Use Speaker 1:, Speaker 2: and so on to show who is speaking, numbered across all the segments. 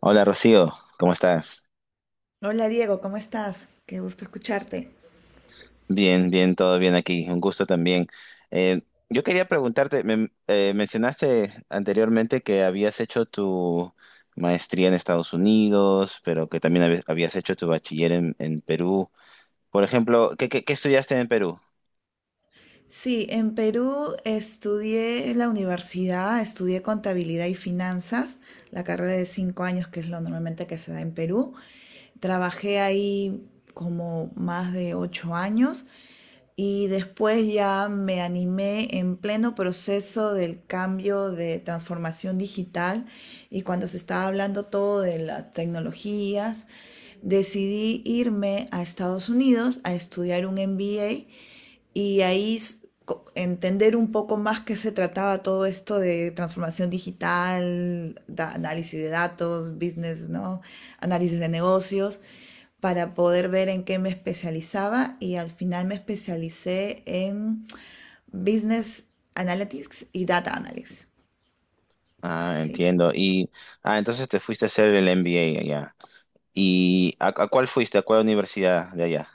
Speaker 1: Hola Rocío, ¿cómo estás?
Speaker 2: Hola Diego, ¿cómo estás? Qué gusto escucharte.
Speaker 1: Bien, bien, todo bien aquí. Un gusto también. Eh, yo quería preguntarte, mencionaste anteriormente que habías hecho tu maestría en Estados Unidos, pero que también habías hecho tu bachiller en Perú. Por ejemplo, ¿ qué estudiaste en Perú?
Speaker 2: Sí, en Perú estudié en la universidad, estudié contabilidad y finanzas, la carrera de 5 años, que es lo normalmente que se da en Perú. Trabajé ahí como más de 8 años y después ya me animé en pleno proceso del cambio de transformación digital y cuando se estaba hablando todo de las tecnologías decidí irme a Estados Unidos a estudiar un MBA y ahí entender un poco más qué se trataba todo esto de transformación digital, da, análisis de datos, business, ¿no? análisis de negocios, para poder ver en qué me especializaba y al final me especialicé en business analytics y data analytics.
Speaker 1: Ah,
Speaker 2: Sí.
Speaker 1: entiendo. Entonces te fuiste a hacer el MBA allá. ¿Y a cuál fuiste? ¿A cuál universidad de allá,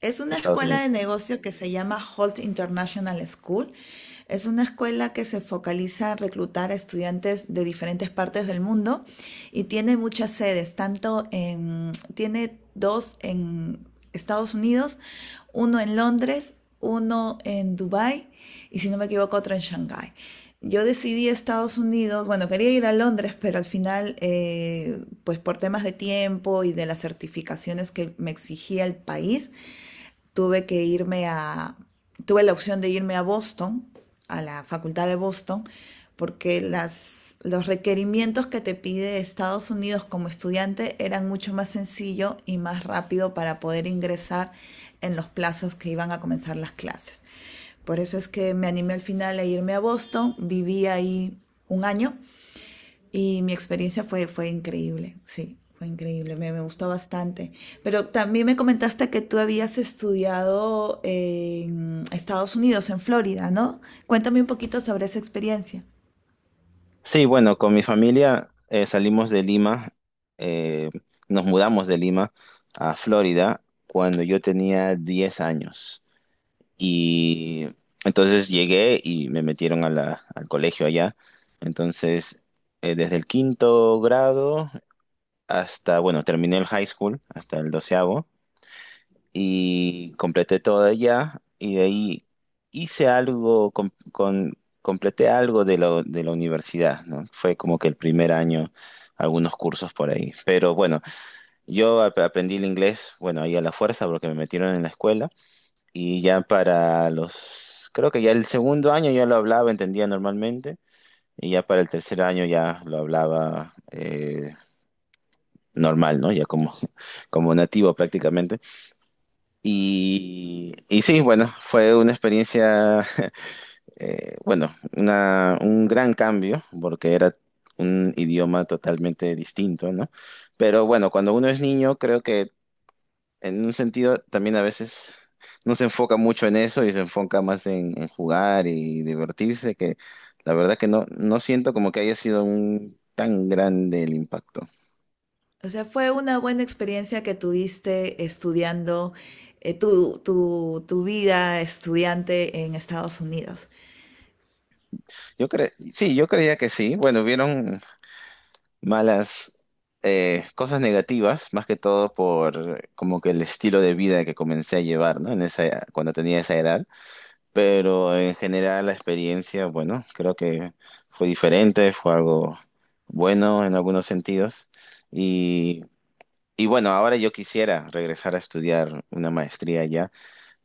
Speaker 2: Es
Speaker 1: de
Speaker 2: una
Speaker 1: Estados
Speaker 2: escuela de
Speaker 1: Unidos?
Speaker 2: negocio que se llama Holt International School. Es una escuela que se focaliza en reclutar a estudiantes de diferentes partes del mundo y tiene muchas sedes, tiene dos en Estados Unidos, uno en Londres, uno en Dubái y si no me equivoco otro en Shanghái. Yo decidí Estados Unidos, bueno, quería ir a Londres, pero al final, pues por temas de tiempo y de las certificaciones que me exigía el país, tuve que irme a, tuve la opción de irme a Boston, a la Facultad de Boston, porque los requerimientos que te pide Estados Unidos como estudiante eran mucho más sencillo y más rápido para poder ingresar en los plazos que iban a comenzar las clases. Por eso es que me animé al final a irme a Boston, viví ahí un año y mi experiencia fue increíble, sí, fue increíble, me gustó bastante. Pero también me comentaste que tú habías estudiado en Estados Unidos, en Florida, ¿no? Cuéntame un poquito sobre esa experiencia.
Speaker 1: Sí, bueno, con mi familia salimos de Lima, eh, nos mudamos de Lima a Florida cuando yo tenía 10 años. Y entonces llegué y me metieron a al colegio allá. Entonces, desde el quinto grado hasta, bueno, terminé el high school, hasta el doceavo y completé todo allá y de ahí hice completé algo de de la universidad, ¿no? Fue como que el primer año, algunos cursos por ahí. Pero bueno, yo aprendí el inglés, bueno, ahí a la fuerza porque me metieron en la escuela y ya para los, creo que ya el segundo año ya lo hablaba, entendía normalmente. Y ya para el tercer año ya lo hablaba normal, ¿no? Ya como, como nativo prácticamente. Y sí, bueno, fue una experiencia, un gran cambio, porque era un idioma totalmente distinto, ¿no? Pero bueno, cuando uno es niño, creo que en un sentido también a veces no se enfoca mucho en eso y se enfoca más en jugar y divertirse, que la verdad que no, no siento como que haya sido un tan grande el impacto.
Speaker 2: O sea, fue una buena experiencia que tuviste estudiando tu vida estudiante en Estados Unidos.
Speaker 1: Yo cre Sí, yo creía que sí. Bueno, vieron malas cosas negativas, más que todo por como que el estilo de vida que comencé a llevar, ¿no? En esa, cuando tenía esa edad. Pero en general la experiencia, bueno, creo que fue diferente, fue algo bueno en algunos sentidos. Y, y bueno, ahora yo quisiera regresar a estudiar una maestría allá.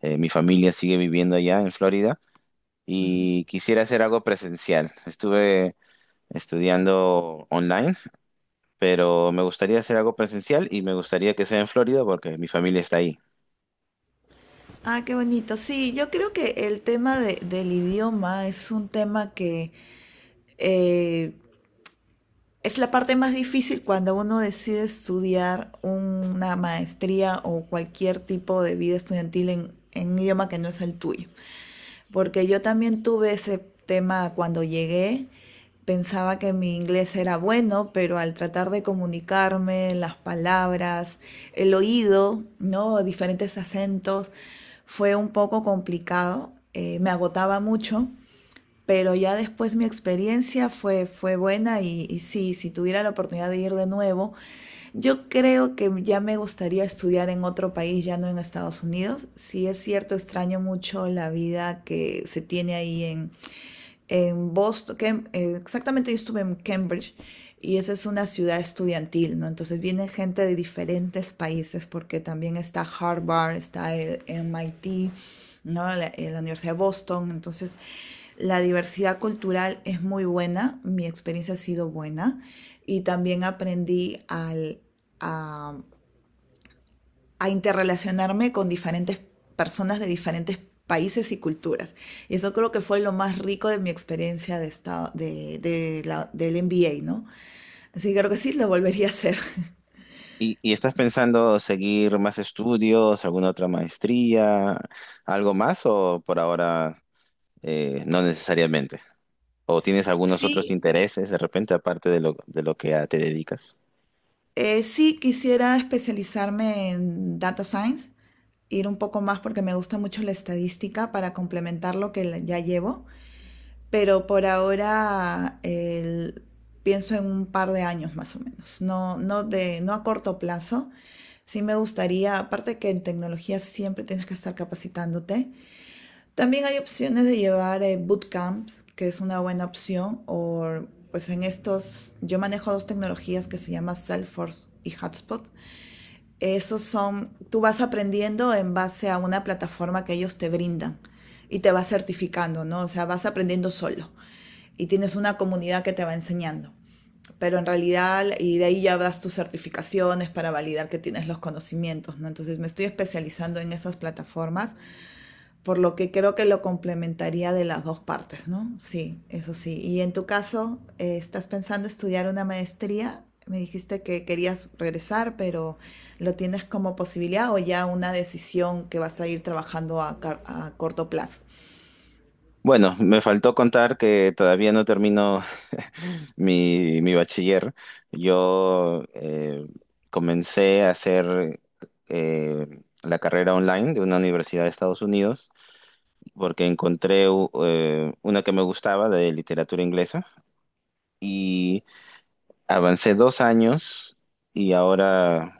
Speaker 1: Mi familia sigue viviendo allá en Florida
Speaker 2: Ujú.
Speaker 1: y quisiera hacer algo presencial. Estuve estudiando online, pero me gustaría hacer algo presencial y me gustaría que sea en Florida porque mi familia está ahí.
Speaker 2: Ah, qué bonito. Sí, yo creo que el tema del idioma es un tema que eh, Es la parte más difícil cuando uno decide estudiar una maestría o cualquier tipo de vida estudiantil en, un idioma que no es el tuyo. Porque yo también tuve ese tema cuando llegué. Pensaba que mi inglés era bueno, pero al tratar de comunicarme, las palabras, el oído, ¿no? diferentes acentos, fue un poco complicado. Me agotaba mucho pero ya después mi experiencia fue buena y sí, si tuviera la oportunidad de ir de nuevo, yo creo que ya me gustaría estudiar en otro país, ya no en Estados Unidos. Sí es cierto, extraño mucho la vida que se tiene ahí en, Boston, que, exactamente yo estuve en Cambridge y esa es una ciudad estudiantil, ¿no? Entonces viene gente de diferentes países porque también está Harvard, está el MIT, ¿no? La Universidad de Boston, entonces la diversidad cultural es muy buena, mi experiencia ha sido buena y también aprendí al, a a interrelacionarme con diferentes personas de diferentes países y culturas. Y eso creo que fue lo más rico de mi experiencia de estado, del MBA, ¿no? Así que creo que sí, lo volvería a hacer.
Speaker 1: Y estás pensando seguir más estudios, alguna otra maestría, algo más o por ahora no necesariamente? ¿O tienes algunos otros
Speaker 2: Sí,
Speaker 1: intereses de repente aparte de lo que ya te dedicas?
Speaker 2: sí quisiera especializarme en data science, ir un poco más porque me gusta mucho la estadística para complementar lo que ya llevo, pero pienso en un par de años más o menos, no, no, no a corto plazo. Sí me gustaría, aparte que en tecnología siempre tienes que estar capacitándote, también hay opciones de llevar bootcamps, que es una buena opción, o pues en estos, yo manejo dos tecnologías que se llaman Salesforce y Hotspot. Esos son, tú vas aprendiendo en base a una plataforma que ellos te brindan y te vas certificando, ¿no? O sea, vas aprendiendo solo y tienes una comunidad que te va enseñando pero en realidad, y de ahí ya das tus certificaciones para validar que tienes los conocimientos, ¿no? Entonces me estoy especializando en esas plataformas, por lo que creo que lo complementaría de las dos partes, ¿no? Sí, eso sí. Y en tu caso, ¿estás pensando estudiar una maestría? Me dijiste que querías regresar, pero ¿lo tienes como posibilidad o ya una decisión que vas a ir trabajando a corto plazo?
Speaker 1: Bueno, me faltó contar que todavía no termino mi bachiller. Yo comencé a hacer la carrera online de una universidad de Estados Unidos porque encontré una que me gustaba de literatura inglesa. y Avancé 2 años y ahora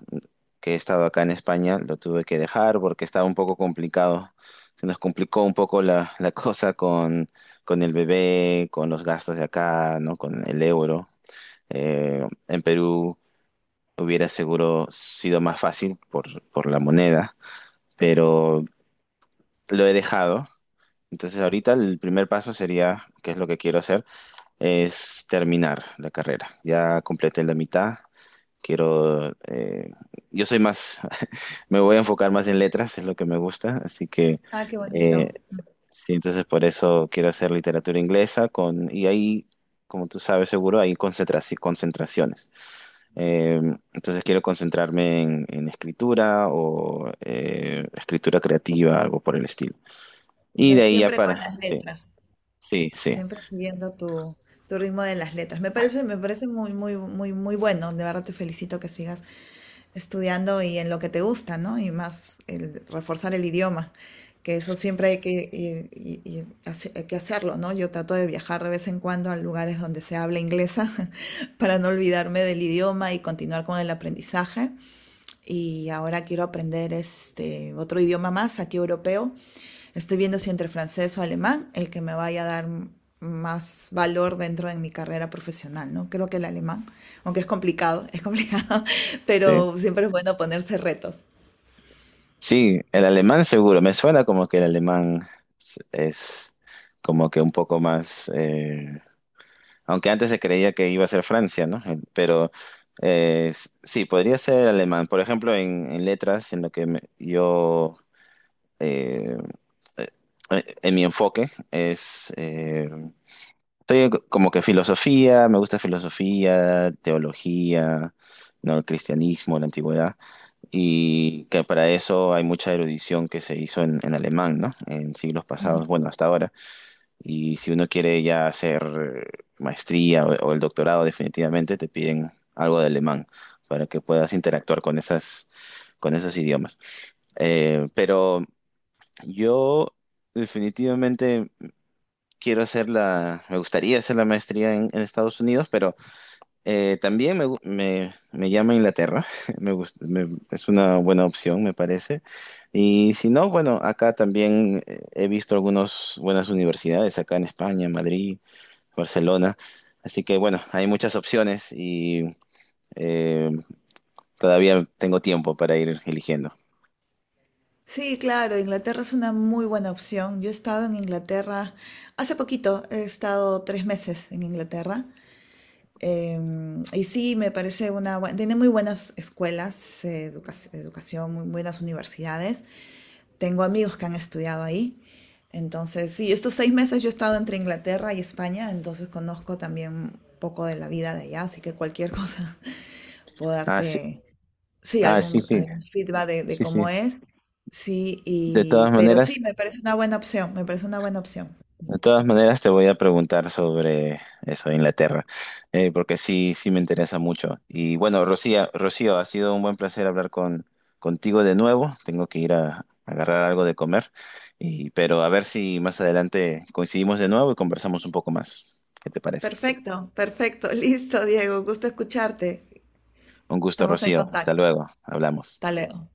Speaker 1: que he estado acá en España lo tuve que dejar porque estaba un poco complicado. Se nos complicó un poco la cosa con el bebé, con los gastos de acá, ¿no? Con el euro. En Perú hubiera seguro sido más fácil por la moneda, pero lo he dejado. Entonces ahorita el primer paso sería, que es lo que quiero hacer, es terminar la carrera. Ya completé la mitad. Quiero, eh, yo soy más, me voy a enfocar más en letras, es lo que me gusta, así que
Speaker 2: Ah, qué
Speaker 1: eh,
Speaker 2: bonito.
Speaker 1: sí, entonces por eso quiero hacer literatura inglesa y ahí, como tú sabes seguro, hay concentraciones. Eh, entonces quiero concentrarme en escritura o escritura creativa, algo por el estilo.
Speaker 2: O
Speaker 1: Y de
Speaker 2: sea,
Speaker 1: ahí ya
Speaker 2: siempre con
Speaker 1: para,
Speaker 2: las
Speaker 1: sí,
Speaker 2: letras.
Speaker 1: sí, sí.
Speaker 2: Siempre siguiendo tu ritmo de las letras. Me parece muy, muy, muy, muy bueno. De verdad te felicito que sigas estudiando y en lo que te gusta, ¿no? Y más el reforzar el idioma, que eso siempre hay que hacerlo, ¿no? Yo trato de viajar de vez en cuando a lugares donde se habla inglesa para no olvidarme del idioma y continuar con el aprendizaje y ahora quiero aprender este otro idioma más, aquí europeo. Estoy viendo si entre francés o alemán, el que me vaya a dar más valor dentro de mi carrera profesional, ¿no? Creo que el alemán, aunque es complicado,
Speaker 1: Sí.
Speaker 2: pero siempre es bueno ponerse retos.
Speaker 1: Sí, el alemán seguro. Me suena como que el alemán es como que un poco más, aunque antes se creía que iba a ser Francia, ¿no? Pero sí, podría ser alemán. Por ejemplo, en letras, en lo que eh, eh, en mi enfoque es, estoy como que filosofía, me gusta filosofía, teología, ¿no? El cristianismo, la antigüedad y que para eso hay mucha erudición que se hizo en alemán, ¿no? En siglos pasados, bueno, hasta ahora. Y si uno quiere ya hacer maestría o el doctorado, definitivamente te piden algo de alemán para que puedas interactuar con esas, con esos idiomas. Pero yo definitivamente quiero hacer la, me gustaría hacer la maestría en Estados Unidos, pero también me llama Inglaterra, me gusta, es una buena opción, me parece. Y si no, bueno, acá también he visto algunas buenas universidades, acá en España, en Madrid, Barcelona. Así que bueno, hay muchas opciones y eh, todavía tengo tiempo para ir eligiendo.
Speaker 2: Sí, claro, Inglaterra es una muy buena opción. Yo he estado en Inglaterra hace poquito, he estado 3 meses en Inglaterra. Y sí, me parece una buena, tiene muy buenas escuelas, educación, muy buenas universidades. Tengo amigos que han estudiado ahí. Entonces, sí, estos 6 meses yo he estado entre Inglaterra y España, entonces conozco también un poco de la vida de allá, así que cualquier cosa puedo
Speaker 1: Ah, sí,
Speaker 2: darte, sí,
Speaker 1: ah, sí, sí,
Speaker 2: algún feedback de
Speaker 1: sí,
Speaker 2: cómo
Speaker 1: sí.
Speaker 2: es. Sí,
Speaker 1: De todas
Speaker 2: pero
Speaker 1: maneras.
Speaker 2: sí, me parece una buena opción, me parece una buena opción.
Speaker 1: De todas maneras, te voy a preguntar sobre eso, Inglaterra, porque sí, sí me interesa mucho. Y bueno, Rocío, ha sido un buen placer hablar contigo de nuevo. Tengo que ir a agarrar algo de comer, y, pero a ver si más adelante coincidimos de nuevo y conversamos un poco más. ¿Qué te parece?
Speaker 2: Perfecto, perfecto, listo, Diego, gusto escucharte.
Speaker 1: Un gusto,
Speaker 2: Estamos en
Speaker 1: Rocío. Hasta
Speaker 2: contacto.
Speaker 1: luego. Hablamos.
Speaker 2: Hasta luego.